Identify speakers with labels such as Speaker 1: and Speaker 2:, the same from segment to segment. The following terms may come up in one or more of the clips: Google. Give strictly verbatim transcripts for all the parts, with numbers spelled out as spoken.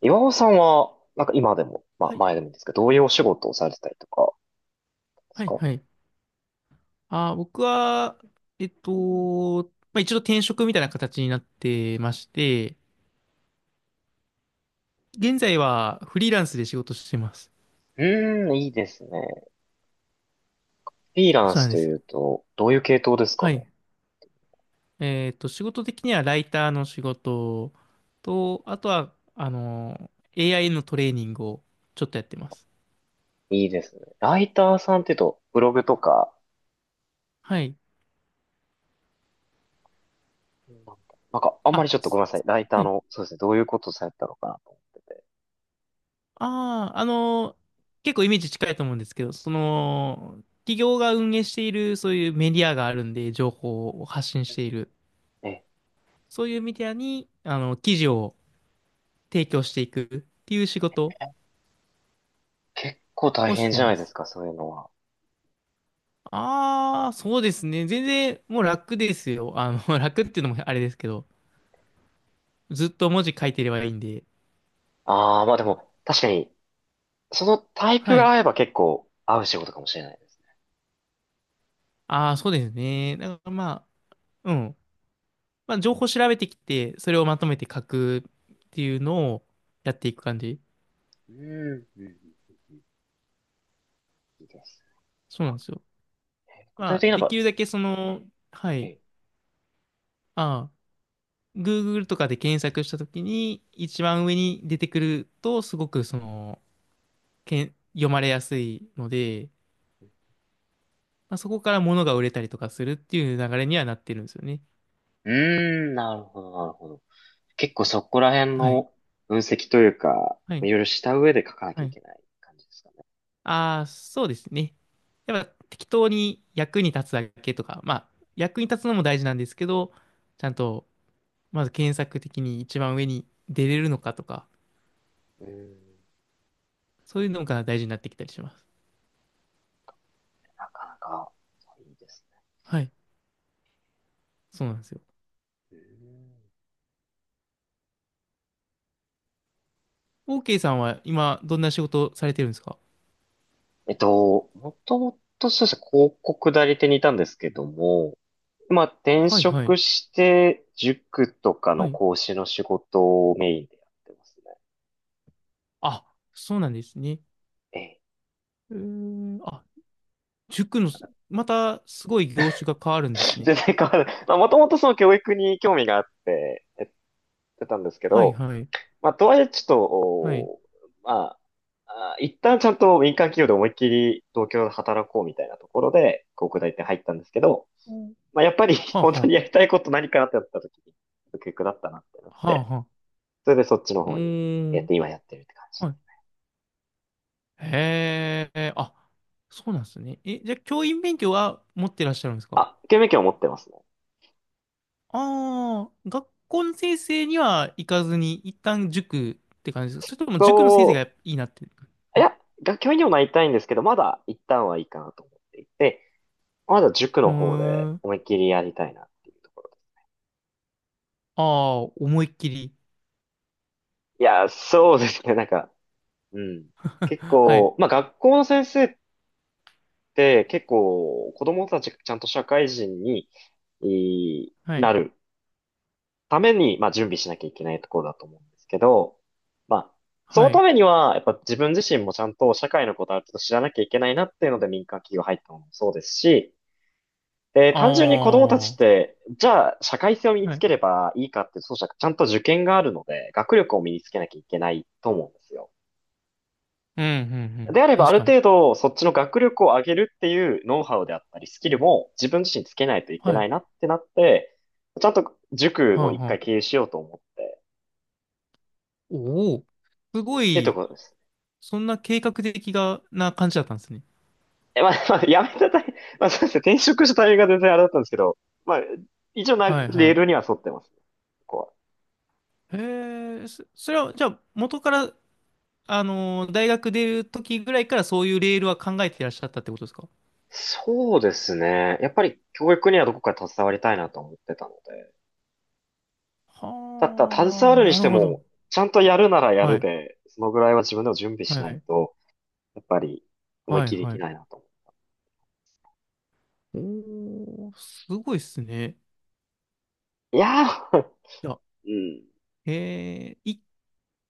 Speaker 1: 岩尾さんは、なんか今でも、まあ
Speaker 2: はい。
Speaker 1: 前でもですけど、どういうお仕事をされてたりとかです
Speaker 2: はい、
Speaker 1: か？
Speaker 2: はい。あー、僕は、えっと、まあ、一度転職みたいな形になってまして、現在はフリーランスで仕事してます。
Speaker 1: うーん、いいですね。フリーラン
Speaker 2: そう
Speaker 1: ス
Speaker 2: なんで
Speaker 1: と
Speaker 2: す
Speaker 1: い
Speaker 2: よ。
Speaker 1: うと、どういう系統ですか
Speaker 2: は
Speaker 1: ね？
Speaker 2: い。えっと、仕事的にはライターの仕事と、あとは、あの、エーアイ のトレーニングをちょっとやってます。
Speaker 1: いいですね。ライターさんっていうと、ブログとか、
Speaker 2: はい。
Speaker 1: なんだなんかあんまり、ち
Speaker 2: あ、
Speaker 1: ょっと
Speaker 2: す
Speaker 1: ごめんなさい。ライター
Speaker 2: はい。
Speaker 1: の、そうですね、どういうことをされてたのかなと。
Speaker 2: ああ、あの、結構イメージ近いと思うんですけど、その、企業が運営しているそういうメディアがあるんで、情報を発信している。
Speaker 1: え、
Speaker 2: そういうメディアに、あの、記事を提供していくっていう仕事
Speaker 1: 結構大
Speaker 2: をし
Speaker 1: 変
Speaker 2: て
Speaker 1: じゃな
Speaker 2: ま
Speaker 1: いです
Speaker 2: す。
Speaker 1: か、そういうのは。
Speaker 2: ああ、そうですね。全然もう楽ですよ。あの、楽っていうのもあれですけど、ずっと文字書いてればいいんで。
Speaker 1: ああ、まあでも、確かに、そのタイプ
Speaker 2: は
Speaker 1: が
Speaker 2: い。
Speaker 1: 合えば結構合う仕事かもしれないですね。
Speaker 2: ああ、そうですね。だからまあ、うん。まあ、情報調べてきて、それをまとめて書くっていうのをやっていく感じ。
Speaker 1: うん、うん、うんうん、うん。いいです
Speaker 2: そうなんですよ。
Speaker 1: ね。具
Speaker 2: ま
Speaker 1: 体
Speaker 2: あ、
Speaker 1: 的になん
Speaker 2: でき
Speaker 1: か、
Speaker 2: るだけその、はい。
Speaker 1: え、
Speaker 2: ああ、Google とかで検索したときに、一番上に出てくると、すごくその、けん、読まれやすいので、まあ、そこから物が売れたりとかするっていう流れにはなってるんですよね。
Speaker 1: うーん、なるほど、なるほど。結構そこら辺
Speaker 2: はい。
Speaker 1: の分析というか、
Speaker 2: はい。
Speaker 1: いろいろした上で書かなき
Speaker 2: は
Speaker 1: ゃい
Speaker 2: い。
Speaker 1: けない感じですかね。
Speaker 2: ああ、そうですね。やっぱ適当に役に立つだけとか、まあ、役に立つのも大事なんですけど、ちゃんと、まず検索的に一番上に出れるのかとか、
Speaker 1: うーん、
Speaker 2: そういうのが大事になってきたりします。
Speaker 1: なかなかいいですね。
Speaker 2: はい。そうなんですよ。
Speaker 1: うーん、
Speaker 2: OK さんは今、どんな仕事をされてるんですか？
Speaker 1: えっと、もともとそうですね、広告代理店にいたんですけども、まあ転
Speaker 2: はい、は
Speaker 1: 職
Speaker 2: い。
Speaker 1: して、塾とか
Speaker 2: は
Speaker 1: の
Speaker 2: い。
Speaker 1: 講師の仕事をメインでやってますね。
Speaker 2: あ、そうなんですね。
Speaker 1: ええ。
Speaker 2: うーん、あ塾の、またすごい業種が変わるんですね。
Speaker 1: 全然変わらない。まあもともとその教育に興味があって、やってたんですけ
Speaker 2: はい
Speaker 1: ど、
Speaker 2: はい。
Speaker 1: まあ、とはいえ、ちょっ
Speaker 2: はい。
Speaker 1: と、まあ、あ一旦ちゃんと民間企業で思いっきり東京で働こうみたいなところで、広告代理店入ったんですけど、
Speaker 2: うん、
Speaker 1: まあ、やっぱり
Speaker 2: はあ
Speaker 1: 本
Speaker 2: は
Speaker 1: 当にや
Speaker 2: あ。
Speaker 1: りたいこと何かなってやった時に、結局だったなってなっ
Speaker 2: はあ
Speaker 1: て、
Speaker 2: はあ。
Speaker 1: それでそっちの
Speaker 2: う
Speaker 1: 方にや
Speaker 2: ー
Speaker 1: っ
Speaker 2: ん。
Speaker 1: て、今やってるって感じ
Speaker 2: は
Speaker 1: で。
Speaker 2: い。へえ。あ、そうなんですね。え、じゃあ教員免許は持ってらっしゃるんですか？
Speaker 1: 教員免を持ってますね。
Speaker 2: ああー、学校の先生には行かずに、一旦塾って感じですか？それとも塾の先生
Speaker 1: そ
Speaker 2: がいいなって。
Speaker 1: う、
Speaker 2: は
Speaker 1: い
Speaker 2: い。
Speaker 1: や、学教員にもなりたいんですけど、まだ一旦はいいかなと思っていて、まだ塾
Speaker 2: へ
Speaker 1: の方で
Speaker 2: ー、
Speaker 1: 思いっきりやりたいなっていうところです。
Speaker 2: ああ、思いっきり。
Speaker 1: いや、そうですね、なんか、うん。結
Speaker 2: はい。
Speaker 1: 構、まあ学校の先生って結構子供たちがちゃんと社会人にい
Speaker 2: は
Speaker 1: ー
Speaker 2: い。
Speaker 1: なるために、まあ準備しなきゃいけないところだと思うんですけど、まあその
Speaker 2: は
Speaker 1: た
Speaker 2: い。
Speaker 1: めにはやっぱ自分自身もちゃんと社会のことある程度知らなきゃいけないなっていうので民間企業入ったのもそうですし、で、
Speaker 2: あ
Speaker 1: 単純に子供た
Speaker 2: あ。
Speaker 1: ちっ
Speaker 2: は
Speaker 1: て、じゃあ社会性を身
Speaker 2: い。
Speaker 1: に
Speaker 2: う
Speaker 1: つ
Speaker 2: ん、
Speaker 1: ければいいかって、そうじゃなく、ちゃんと受験があるので、学力を身につけなきゃいけないと思うんですよ。
Speaker 2: うん、うん。
Speaker 1: であれば、あ
Speaker 2: 確
Speaker 1: る
Speaker 2: かに。
Speaker 1: 程度、そっちの学力を上げるっていうノウハウであったり、スキルも自分自身つけないといけ
Speaker 2: は
Speaker 1: な
Speaker 2: い。
Speaker 1: いなってなって、ちゃんと塾
Speaker 2: は
Speaker 1: を
Speaker 2: あ、
Speaker 1: 一
Speaker 2: は
Speaker 1: 回経
Speaker 2: あ。
Speaker 1: 営しようと思って、
Speaker 2: おお、すご
Speaker 1: っていうとこ
Speaker 2: い、
Speaker 1: ろです。
Speaker 2: そんな計画的がな感じだったんですね。
Speaker 1: え、まあ、まあ、やめたタイミング、まあ、そうですね、転職したタイミングが全然あれだったんですけど、まあ、一応な、
Speaker 2: はい
Speaker 1: レー
Speaker 2: は
Speaker 1: ルには沿ってますね、ここは。
Speaker 2: い。へえ、そ、それは、じゃあ、元から、あのー大学出る時ぐらいからそういうレールは考えていらっしゃったってことですか？
Speaker 1: そうですね。やっぱり教育にはどこか携わりたいなと思ってたので。だったら携
Speaker 2: はあ、
Speaker 1: わるに
Speaker 2: な
Speaker 1: し
Speaker 2: る
Speaker 1: て
Speaker 2: ほど。
Speaker 1: も、ちゃんとやるならや
Speaker 2: は
Speaker 1: る
Speaker 2: い、
Speaker 1: で、そのぐらいは自分でも準備
Speaker 2: は
Speaker 1: しない
Speaker 2: い、
Speaker 1: と、やっぱり、思い
Speaker 2: はい、
Speaker 1: 切りで
Speaker 2: は
Speaker 1: きない
Speaker 2: い。
Speaker 1: なと思
Speaker 2: おー、すごいっすね。
Speaker 1: う。いやー、
Speaker 2: いや、
Speaker 1: うん。
Speaker 2: えー、い、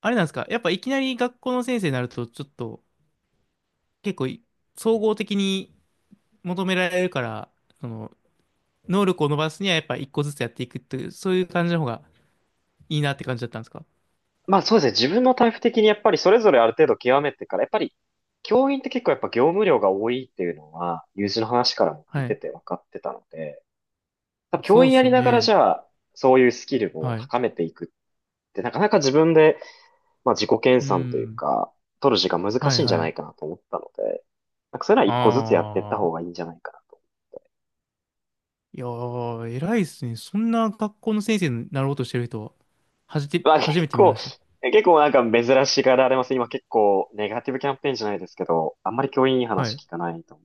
Speaker 2: あれなんですか？やっぱいきなり学校の先生になると、ちょっと、結構い、総合的に求められるから、その、能力を伸ばすにはやっぱ一個ずつやっていくっていう、そういう感じの方がいいなって感じだったんですか？
Speaker 1: まあそうですね。自分のタイプ的にやっぱりそれぞれある程度極めてから、やっぱり教員って結構やっぱ業務量が多いっていうのは、友人の話からも聞い
Speaker 2: は
Speaker 1: て
Speaker 2: い。
Speaker 1: て分かってたので、多分教
Speaker 2: そうっ
Speaker 1: 員や
Speaker 2: す
Speaker 1: り
Speaker 2: よ
Speaker 1: ながら
Speaker 2: ね。
Speaker 1: じゃあ、そういうスキルを
Speaker 2: はい。
Speaker 1: 高めていくって、なかなか自分で、まあ自己研
Speaker 2: う
Speaker 1: 鑽という
Speaker 2: ん。
Speaker 1: か、取る時間難
Speaker 2: は
Speaker 1: し
Speaker 2: い
Speaker 1: いんじゃ
Speaker 2: は
Speaker 1: ないか
Speaker 2: い。
Speaker 1: なと思ったので、なんかそれは一個ずつやっていった
Speaker 2: あ
Speaker 1: 方が
Speaker 2: あ。
Speaker 1: いいんじゃないかな。
Speaker 2: いやー、偉いっすね。そんな学校の先生になろうとしてる人は、はじて、
Speaker 1: まあ
Speaker 2: 初
Speaker 1: 結
Speaker 2: めて見
Speaker 1: 構、
Speaker 2: まし
Speaker 1: 結構なんか珍しがられます。今結構ネガティブキャンペーンじゃないですけど、あんまり教員いい
Speaker 2: た。は
Speaker 1: 話
Speaker 2: い。
Speaker 1: 聞かないと思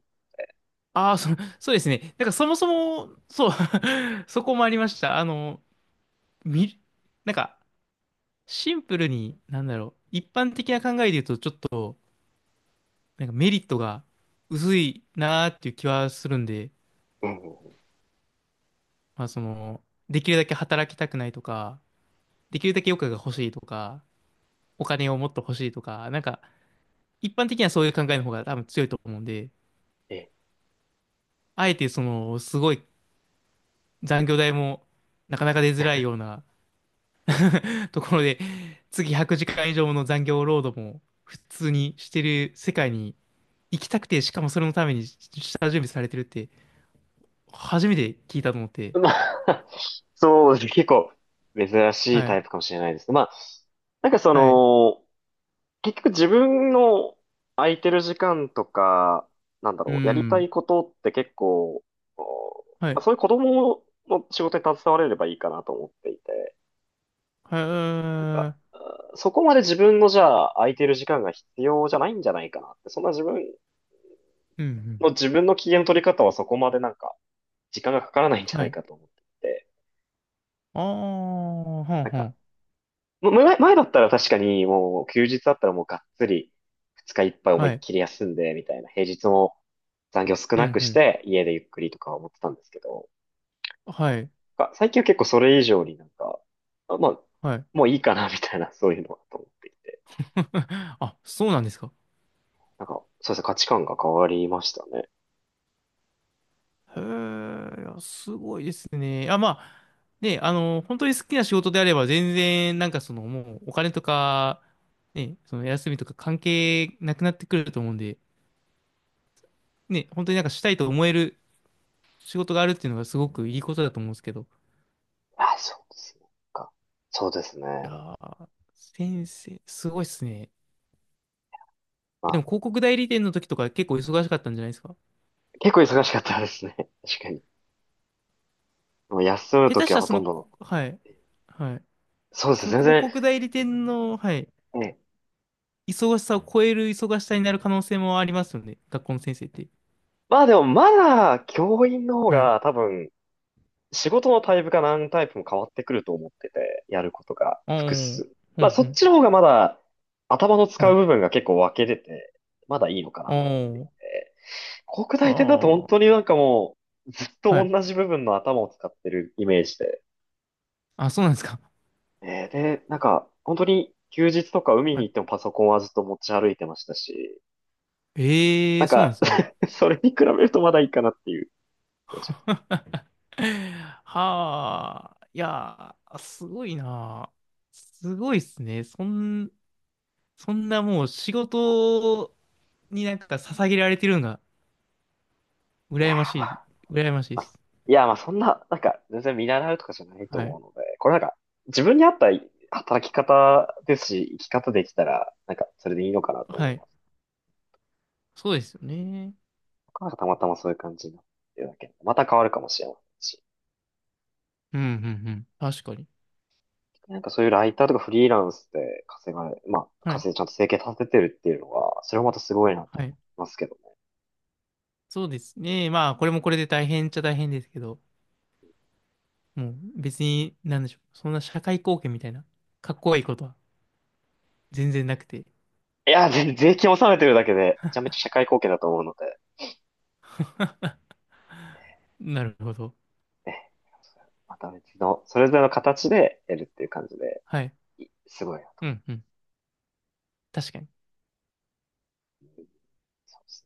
Speaker 2: ああ、そ、そうですね。なんかそもそも、そう、そこもありました。あの、み、なんか、シンプルに、なんだろう、一般的な考えで言うと、ちょっと、なんかメリットが薄いなーっていう気はするんで、
Speaker 1: う。うんうんうん、
Speaker 2: まあその、できるだけ働きたくないとか、できるだけ余暇が欲しいとか、お金をもっと欲しいとか、なんか一般的にはそういう考えの方が多分強いと思うんで、
Speaker 1: ええ、
Speaker 2: あえてその、すごい残業代もなかなか出づらいような
Speaker 1: ええ。
Speaker 2: ところで、次ひゃくじかん以上の残業労働も普通にしてる世界に行きたくて、しかもそれのために下準備されてるって、初めて聞いたと思って、
Speaker 1: まあ、そうですね。結構珍しい
Speaker 2: は
Speaker 1: タ
Speaker 2: い、
Speaker 1: イプかもしれないです。まあ、なんかそ
Speaker 2: はい、
Speaker 1: の、結局自分の空いてる時間とか、なんだ
Speaker 2: う
Speaker 1: ろう、やりた
Speaker 2: ん、
Speaker 1: いことって結構、こ
Speaker 2: は
Speaker 1: う、まあ、
Speaker 2: い、
Speaker 1: そういう子供の仕事に携われればいいかなと思っていて。
Speaker 2: はい、う
Speaker 1: なんか、
Speaker 2: ん、
Speaker 1: うん、そこまで自分のじゃあ空いてる時間が必要じゃないんじゃないかなって、そんな自分
Speaker 2: う
Speaker 1: の
Speaker 2: ん、
Speaker 1: 自分の機嫌の取り方はそこまでなんか時間がかからないんじゃな
Speaker 2: は
Speaker 1: い
Speaker 2: い。
Speaker 1: かと思ってて、
Speaker 2: ああ、はん
Speaker 1: なん
Speaker 2: は
Speaker 1: か、
Speaker 2: ん。
Speaker 1: む前、前だったら確かにもう休日だったらもうがっつり二日いっぱい思い
Speaker 2: は
Speaker 1: っ
Speaker 2: い。
Speaker 1: きり休んでみたいな、平日も残業少
Speaker 2: う
Speaker 1: な
Speaker 2: ん
Speaker 1: く
Speaker 2: う
Speaker 1: し
Speaker 2: ん。
Speaker 1: て家でゆっくりとか思ってたんですけど、
Speaker 2: はい。
Speaker 1: なんか最近は結構それ以上になんか、あまあ、
Speaker 2: はい。
Speaker 1: もういいかなみたいな、そういうのはと思っていて、
Speaker 2: あ、そうなんですか。
Speaker 1: なんか、そうですね、価値観が変わりましたね。
Speaker 2: へえ、いや、すごいですね。あ、まあ、ね、あの、本当に好きな仕事であれば、全然、なんかその、もう、お金とか、ね、その、休みとか関係なくなってくると思うんで、ね、本当になんかしたいと思える仕事があるっていうのがすごくいいことだと思うんですけど。
Speaker 1: あ、そうですね。か。そうですね。
Speaker 2: いやー、先生、すごいっすね。
Speaker 1: ま
Speaker 2: えでも、
Speaker 1: あ、
Speaker 2: 広告代理店の時とか結構忙しかったんじゃないですか。
Speaker 1: 結構忙しかったですね。確かに。もう休む
Speaker 2: 下
Speaker 1: と
Speaker 2: 手し
Speaker 1: きは
Speaker 2: たら
Speaker 1: ほ
Speaker 2: そ
Speaker 1: と
Speaker 2: の、
Speaker 1: んどの。
Speaker 2: こはい。はい。
Speaker 1: そうですね。
Speaker 2: その
Speaker 1: 全
Speaker 2: 広
Speaker 1: 然。
Speaker 2: 告代理店の、はい、
Speaker 1: ね。
Speaker 2: 忙しさを超える忙しさになる可能性もありますよね、学校の先生って。
Speaker 1: まあでも、まだ、教員の方
Speaker 2: はい。
Speaker 1: が多分、仕事のタイプか何タイプも変わってくると思ってて、やることが
Speaker 2: ああ、う
Speaker 1: 複
Speaker 2: ん
Speaker 1: 数。
Speaker 2: う
Speaker 1: まあ、そっ
Speaker 2: ん。
Speaker 1: ちの方がまだ、頭の使
Speaker 2: は
Speaker 1: う
Speaker 2: い。
Speaker 1: 部分が結構分けれて、まだいいのかなと思ってい
Speaker 2: あ
Speaker 1: て。国
Speaker 2: あ、
Speaker 1: 大点だと本
Speaker 2: は
Speaker 1: 当になんかもう、ずっと
Speaker 2: あ。はい。
Speaker 1: 同じ部分の頭を使ってるイメージで、
Speaker 2: あ、そうなんですか。
Speaker 1: えーで、なんか、本当に休日とか海
Speaker 2: は
Speaker 1: に
Speaker 2: い。
Speaker 1: 行ってもパソコンはずっと持ち歩いてましたし、
Speaker 2: え
Speaker 1: な
Speaker 2: え、
Speaker 1: ん
Speaker 2: そうなん
Speaker 1: か
Speaker 2: ですね。
Speaker 1: それに比べるとまだいいかなっていう気がします。
Speaker 2: はあ。いやー、すごいな。すごいっすね。そん、そんなもう仕事になんか捧げられてるのが
Speaker 1: いや
Speaker 2: 羨まし
Speaker 1: ーま
Speaker 2: い、
Speaker 1: あ、
Speaker 2: 羨ましい
Speaker 1: ま
Speaker 2: で
Speaker 1: あ、
Speaker 2: す。
Speaker 1: いやーまあそんな、なんか全然見習うとかじゃないと
Speaker 2: は
Speaker 1: 思
Speaker 2: い。
Speaker 1: うので、これなんか自分に合った働き方ですし、生き方できたら、なんかそれでいいのかなと思
Speaker 2: は
Speaker 1: い
Speaker 2: い。
Speaker 1: ます。
Speaker 2: そうですよね。
Speaker 1: なんかたまたまそういう感じになってるだけで。また変わるかもしれませんし。
Speaker 2: うん、うん、うん。確かに。
Speaker 1: なんかそういうライターとかフリーランスで稼がれ、まあ、
Speaker 2: はい。
Speaker 1: 稼いでちゃんと生計立ててるっていうのは、それもまたすごいなと
Speaker 2: は
Speaker 1: 思い
Speaker 2: い。
Speaker 1: ますけども。
Speaker 2: そうですね。まあ、これもこれで大変っちゃ大変ですけど、もう別に、なんでしょう。そんな社会貢献みたいな、かっこいいことは全然なくて。
Speaker 1: いや、全税金納めてるだけで、めちゃめちゃ社会貢献だと思うので、
Speaker 2: なるほど。
Speaker 1: ね、また別の、それぞれの形でやるっていう感じで、
Speaker 2: はい。
Speaker 1: いすごいなと
Speaker 2: う
Speaker 1: 思
Speaker 2: ん、うん。確かに。
Speaker 1: います。